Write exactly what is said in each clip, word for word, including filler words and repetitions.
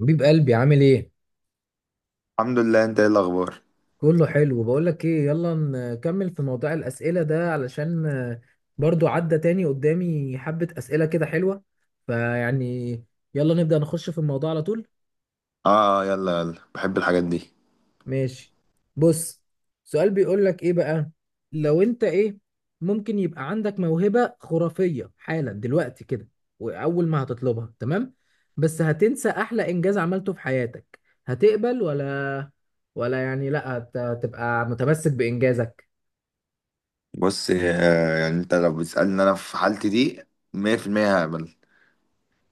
حبيب قلبي عامل ايه؟ الحمد لله، انت ايه الاخبار؟ كله حلو. بقول لك ايه، يلا نكمل في موضوع الأسئلة ده، علشان آه، برضو عدى تاني قدامي حبة أسئلة كده حلوة. فيعني يلا نبدأ نخش في الموضوع على طول. اه، يلا يلا بحب الحاجات دي. ماشي، بص. سؤال بيقول لك ايه بقى، لو انت ايه ممكن يبقى عندك موهبة خرافية حالا دلوقتي كده، واول ما هتطلبها، تمام؟ بس هتنسى احلى انجاز عملته في حياتك، هتقبل ولا ولا يعني لا هت- تبقى متمسك بانجازك؟ بص، آه، يعني انت لو بتسألني انا في حالتي دي مية في المية هقبل.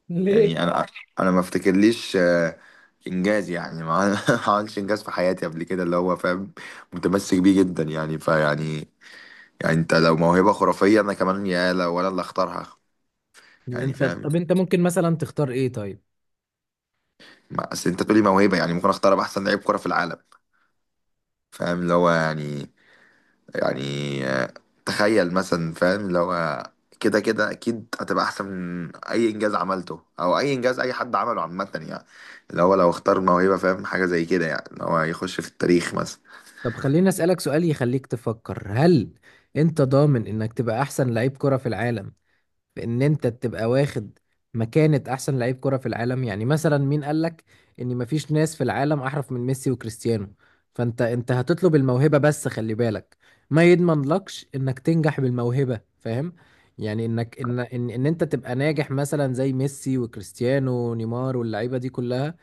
ليه؟ يعني انا انا ما افتكرليش آه، انجاز، يعني ما عمل- ما عملتش انجاز في حياتي قبل كده اللي هو فاهم، متمسك بيه جدا يعني فيعني. يعني انت لو موهبة خرافية، انا كمان يا لو انا اللي اختارها. يعني انت فاهم، طب انت ممكن مثلا تختار ايه طيب؟ ما- اصل انت تقولي موهبة يعني ممكن اختار ابقى احسن لعيب كرة في العالم. فاهم اللي هو يعني يعني آه، تخيل مثلا، فاهم اللي هو كده كده اكيد هتبقى احسن من اي انجاز عملته، او اي انجاز اي حد عمله عامه يعني. اللي هو لو اختار موهبه، فاهم حاجه زي كده يعني، اللي هو يخش في التاريخ مثلا. طب خليني اسالك سؤال يخليك تفكر، هل انت ضامن انك تبقى احسن لعيب كرة في العالم، في ان انت تبقى واخد مكانة احسن لعيب كرة في العالم؟ يعني مثلا مين قالك ان مفيش ناس في العالم احرف من ميسي وكريستيانو؟ فانت انت هتطلب الموهبة، بس خلي بالك، ما يضمن لكش انك تنجح بالموهبة، فاهم؟ يعني انك ان ان, إن انت تبقى ناجح مثلا زي ميسي وكريستيانو ونيمار واللعيبة دي كلها،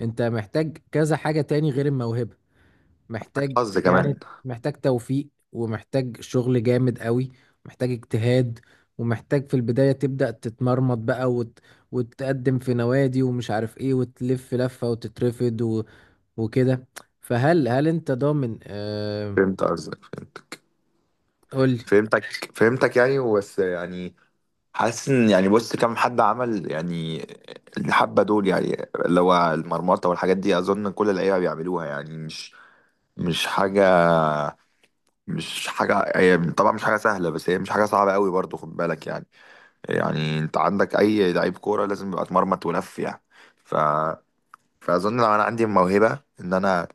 انت محتاج كذا حاجة تاني غير الموهبة. معاك محتاج حظ يعني كمان. محتاج توفيق، ومحتاج شغل جامد قوي، محتاج اجتهاد، ومحتاج في البداية تبدأ تتمرمط بقى، وت... وتقدم في نوادي ومش عارف ايه، وتلف لفة وتترفض و... وكده. فهل هل انت ضامن آه... فهمت قصدك. فهمتك قولي. فهمتك فهمتك يعني بس يعني حاسس ان، يعني بص كم حد عمل يعني الحبه دول، يعني اللي هو المرمطه والحاجات دي، اظن كل اللعيبه بيعملوها يعني. مش مش حاجه، مش حاجة، هي طبعا مش حاجة سهلة، بس هي مش حاجة صعبة قوي برضو، خد بالك يعني. يعني انت عندك اي لعيب كورة لازم يبقى اتمرمط ولف يعني. ف... فاظن لو انا عندي موهبة ان انا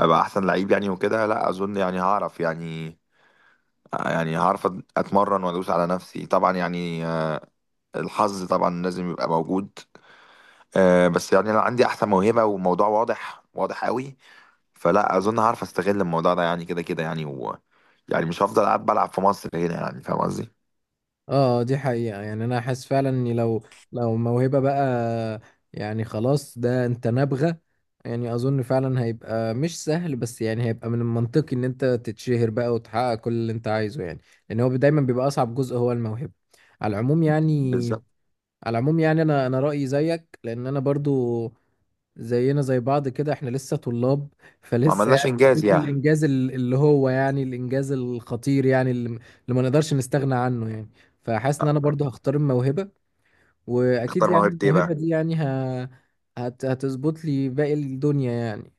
ابقى احسن لعيب يعني وكده، لا اظن، يعني هعرف يعني، يعني هعرف اتمرن وادوس على نفسي طبعا يعني. آه، الحظ طبعا لازم يبقى موجود. آه، بس يعني لو عندي احسن موهبة وموضوع واضح واضح قوي، فلا اظن هعرف استغل الموضوع ده يعني، كده كده يعني و... يعني مش هفضل قاعد بلعب في مصر هنا، يعني فاهم قصدي. اه، دي حقيقة. يعني انا حاسس فعلا اني لو لو موهبة بقى، يعني خلاص، ده انت نابغة. يعني اظن فعلا هيبقى مش سهل، بس يعني هيبقى من المنطقي ان انت تتشهر بقى وتحقق كل اللي انت عايزه، يعني لان هو دايما بيبقى اصعب جزء هو الموهبة. على العموم يعني بالظبط. على العموم يعني، انا انا رأيي زيك، لان انا برضو زينا زي بعض، كده احنا لسه طلاب، ما فلسه عملناش يعني انجاز مفيش يعني. الانجاز ال- اللي هو يعني الانجاز الخطير، يعني اللي م- اللي ما نقدرش نستغنى عنه يعني. فحاسس ان انا آه، برضو هختار الموهبة، واكيد اختار يعني موهبة ايه الموهبة بقى؟ دي يعني ه... هت... هتظبط لي باقي الدنيا يعني.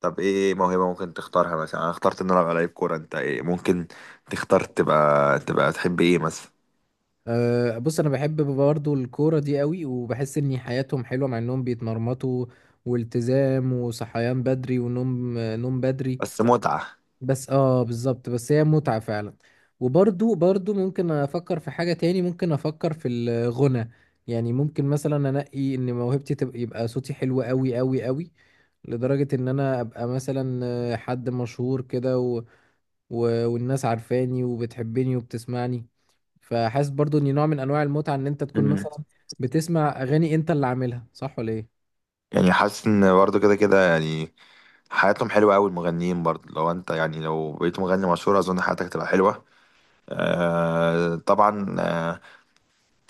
طب ايه موهبة ممكن تختارها؟ مثلا انا اخترت ان انا العب لعيب كورة، انت ايه ممكن تختار؟ تبقى تبقى تحب ايه مثلا؟ أه بص، انا بحب برضو الكورة دي قوي، وبحس ان حياتهم حلوة مع انهم بيتمرمطوا والتزام وصحيان بدري ونوم نوم بدري. بس متعة. بس اه، بالظبط، بس هي متعة فعلا. وبرضو برضو ممكن افكر في حاجة تاني، ممكن افكر في الغنى. يعني ممكن مثلا انقي ان موهبتي تبقى يبقى صوتي حلو قوي قوي قوي، لدرجة ان انا ابقى مثلا آه، حد مشهور كده، و... و... والناس عارفاني وبتحبني وبتسمعني. فحاسس برضو ان نوع من انواع المتعة ان انت تكون مم. مثلا بتسمع اغاني انت اللي عاملها، صح ولا ايه؟ يعني حاسس ان برضه كده كده يعني حياتهم حلوة قوي المغنيين برضه، لو انت يعني لو بقيت مغني مشهور اظن حياتك تبقى حلوة. آه طبعا آه.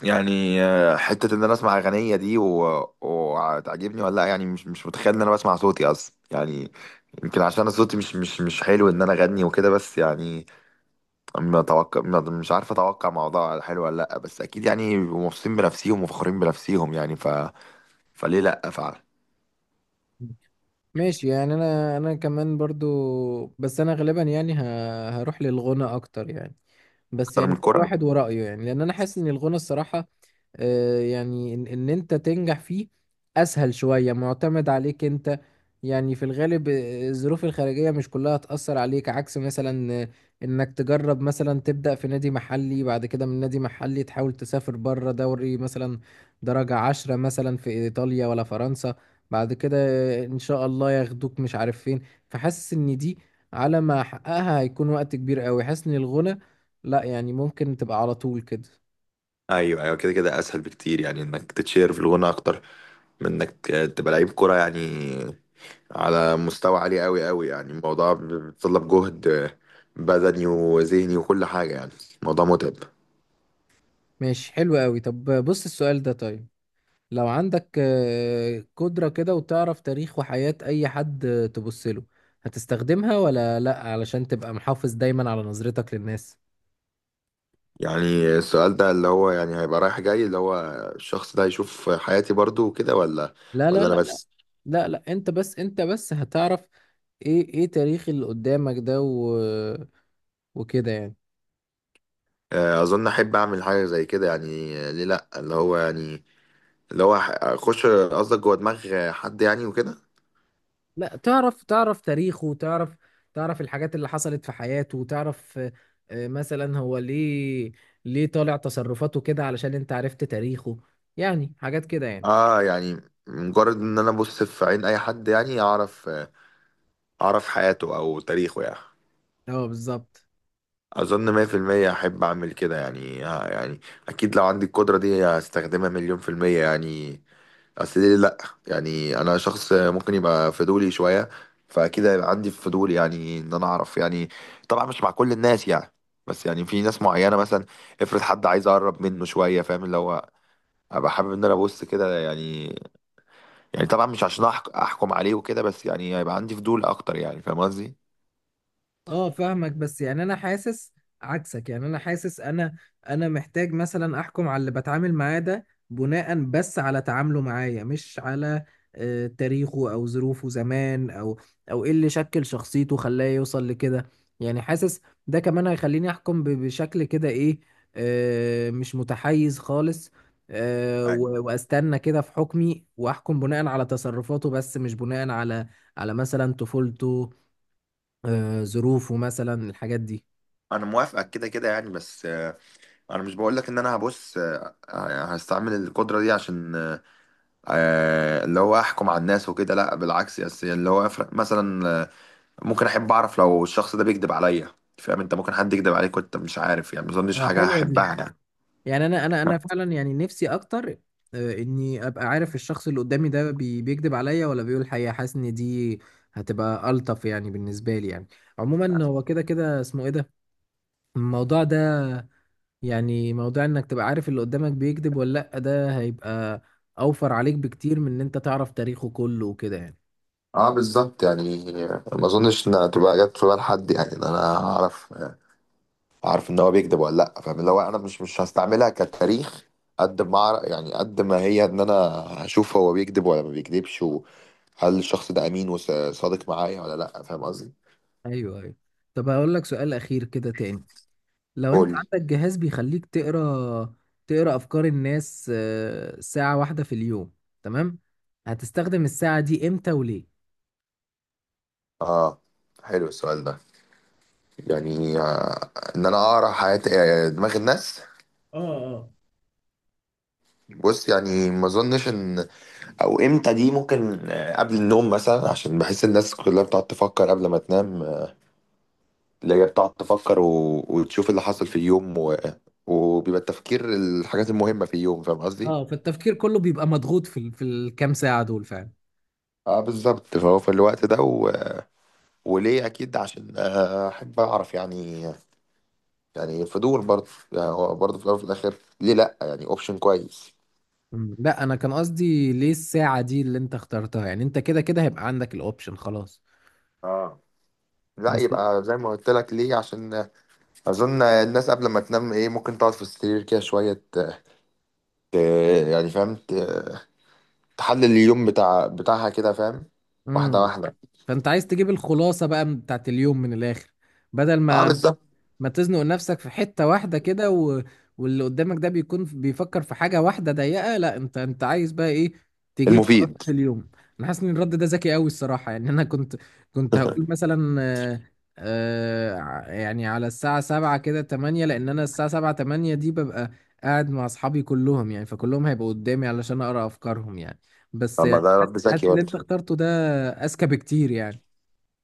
يعني آه، حتة إن أنا أسمع أغنية دي و- وتعجبني ولا لأ، يعني مش مش متخيل إن أنا بسمع صوتي أصلا يعني. يمكن عشان أنا صوتي مش مش مش حلو إن أنا أغني وكده. بس يعني ما أتوقع ما- مش عارف أتوقع موضوع حلو ولا لأ، بس أكيد يعني مبسوطين بنفسيهم وفخورين بنفسيهم يعني. ف فليه لأ فعلا. ماشي يعني انا انا كمان برضو، بس انا غالبا يعني ه- هروح للغنى اكتر يعني. بس أكتر من يعني كل الكرة. واحد ورأيه. يعني لان انا حاسس ان الغنى، الصراحة، آه، يعني ان إن انت تنجح فيه اسهل شوية، معتمد عليك انت. يعني في الغالب آه، الظروف الخارجية مش كلها هتأثر عليك، عكس مثلا آه، انك تجرب مثلا تبدأ في نادي محلي، بعد كده من نادي محلي تحاول تسافر بره، دوري مثلا درجة عشرة مثلا في ايطاليا ولا فرنسا، بعد كده آه، ان شاء الله ياخدوك مش عارف فين. فحاسس ان دي، على ما احققها، هيكون وقت كبير قوي. حاسس ان الغنى لا، يعني ممكن تبقى على طول كده. ايوه ايوه، كده كده اسهل بكتير يعني، انك تتشير في الغنى اكتر من انك تبقى لعيب كرة يعني، على مستوى عالي قوي قوي. يعني الموضوع بيتطلب جهد بدني وذهني وكل حاجة يعني. الموضوع متعب. ماشي، حلو قوي. طب بص السؤال ده، طيب. لو عندك آه، قدرة كده، وتعرف تاريخ وحياة أي حد آه، تبص له، هتستخدمها ولا لأ علشان تبقى محافظ دايما على نظرتك للناس؟ يعني السؤال ده اللي هو يعني هيبقى رايح جاي، اللي هو الشخص ده هيشوف حياتي برضو وكده، ولا؟ لا لا ولا انا لا لا، بس؟ لا لا، انت بس انت بس هتعرف ايه ايه تاريخ اللي قدامك ده و... وكده يعني. آه، اظن احب اعمل حاجة زي كده يعني، ليه لا؟ اللي هو يعني، اللي هو اخش قصدك جوه دماغ حد يعني وكده. لا، تعرف تعرف تاريخه، تعرف تعرف الحاجات اللي حصلت في حياته، تعرف آه، آه، مثلا هو ليه ليه طالع تصرفاته كده، علشان انت عرفت تاريخه. يعني حاجات كده يعني. اه يعني مجرد ان انا ابص في عين اي حد يعني اعرف، اعرف حياته او تاريخه يعني. اه، بالظبط. اظن مية في المية احب اعمل كده يعني آه يعني، اكيد لو عندي القدرة دي هستخدمها مليون في المية يعني. اصل ليه لا؟ يعني انا شخص ممكن يبقى فضولي شوية، فاكيد هيبقى عندي فضول يعني ان انا اعرف يعني. طبعا مش مع كل الناس يعني، بس يعني في ناس معينة مثلا، افرض حد عايز اقرب منه شوية فاهم اللي هو ابقى حابب ان انا ابص كده يعني. يعني طبعا مش عشان أحك- احكم عليه وكده، بس يعني هيبقى عندي فضول اكتر يعني فاهم قصدي. اه فاهمك، بس يعني انا حاسس عكسك. يعني انا حاسس، انا انا محتاج مثلا احكم على اللي بتعامل معاه ده بناء بس على تعامله معايا، مش على آه، تاريخه او ظروفه زمان، او او ايه اللي شكل شخصيته خلاه يوصل لكده. يعني حاسس ده كمان هيخليني احكم ب- بشكل كده ايه، آه، مش متحيز خالص. آه، أيوة. و- واستنى كده في حكمي، واحكم بناء على تصرفاته، بس مش بناء على على مثلا طفولته، آه، ظروفه، مثلا الحاجات دي. انا موافقك كده كده يعني، بس آه، انا مش بقول لك ان انا هبص آه، هستعمل القدره دي عشان آه، آه، اللي هو احكم على الناس وكده، لا بالعكس، بس اللي هو افرق مثلا. آه، ممكن احب اعرف لو الشخص ده بيكذب عليا. فاهم انت ممكن حد يكذب عليك وانت مش عارف يعني، ما اظنش اه، حاجه حلوة دي. هحبها يعني. يعني انا انا انا فعلا يعني نفسي اكتر آه، اني ابقى عارف الشخص اللي قدامي ده بي- بيكذب عليا ولا بيقول الحقيقه. حاسس ان دي هتبقى الطف يعني بالنسبه لي يعني. عموما هو كده كده اسمه ايه ده، الموضوع ده، يعني موضوع انك تبقى عارف اللي قدامك بيكذب ولا لا، ده هيبقى اوفر عليك بكتير من ان انت تعرف تاريخه كله وكده يعني. اه بالظبط يعني. ما اظنش انها تبقى جت في بال حد، يعني ان انا اعرف، عارف ان هو بيكذب ولا لا، فاهم اللي هو انا مش مش هستعملها كتاريخ، قد ما أعرف- يعني قد ما هي ان انا هشوف هو بيكذب ولا ما بيكذبش، وهل الشخص ده امين وصادق معايا ولا لا، فاهم قصدي. ايوه ايوه. طب هقول لك سؤال اخير كده تاني. لو انت قول لي. عندك جهاز بيخليك تقرا تقرا افكار الناس آه، ساعة واحدة في اليوم، تمام، هتستخدم الساعة دي امتى وليه؟ اه، حلو السؤال ده. يعني آه ان انا اقرا حياة آه، دماغ الناس. اه اه بص يعني ما اظنش ان، او امتى دي ممكن آه، قبل النوم مثلا، عشان بحس الناس كلها بتقعد تفكر قبل ما تنام، اللي هي بتقعد تفكر و... وتشوف اللي حصل في اليوم، و... وبيبقى التفكير الحاجات المهمة في اليوم، فاهم قصدي؟ اه، فالتفكير كله بيبقى مضغوط في ال- في الكام ساعة دول فعلا. اه بالظبط، فهو في الوقت ده و... وليه اكيد عشان آه، احب اعرف يعني. يعني فضول برضه يعني، هو برضه في الاول وفي الاخر ليه لا؟ يعني اوبشن كويس. مم، لا، انا كان قصدي ليه الساعة دي اللي انت اخترتها، يعني انت كده كده هيبقى عندك الاوبشن خلاص. اه لا، بس يبقى زي ما قلت لك ليه، عشان اظن الناس قبل ما تنام ايه ممكن تقعد في السرير كده شويه، ت- ت- يعني فاهم ت- تحلل اليوم بتاع بتاعها كده فاهم، واحده امم واحده. فانت عايز تجيب الخلاصة بقى بتاعت اليوم من الاخر، بدل اه ما بالظبط. ما تزنق نفسك في حتة واحدة كده، و... واللي قدامك ده بيكون بيفكر في حاجة واحدة ضيقة. لا انت انت عايز بقى ايه، تجيب خلاصة المفيد. اليوم. انا حاسس ان الرد ده ذكي قوي الصراحة. يعني انا كنت كنت هقول مثلا آه، آه، ع- يعني على الساعة سبعة كده تمانية، لان انا الساعة سبعة تمانية دي ببقى قاعد مع اصحابي كلهم، يعني فكلهم هيبقوا قدامي علشان اقرا افكارهم يعني. بس طب ما يعني ده رد حاسس حاسس ذكي اللي برضه. انت اخترته ده اذكى بكتير يعني.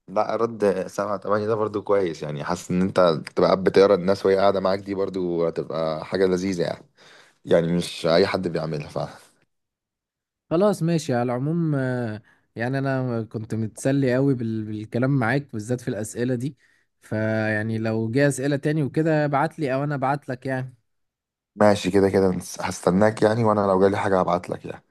لا، رد سبعة تمانية ده برضه كويس، يعني حاسس ان انت تبقى قاعد بتقرا الناس وهي قاعدة معاك، دي برضه هتبقى حاجة لذيذة يعني، يعني مش أي حد بيعملها فعلا. خلاص، ماشي. على العموم آه، يعني انا كنت متسلي قوي بال- بالكلام معاك بالذات في الاسئله دي. فيعني لو جه اسئله تاني وكده، ابعت لي او انا ابعت لك يعني. ماشي كده كده. هستناك يعني، وأنا لو جالي حاجة هبعتلك يعني.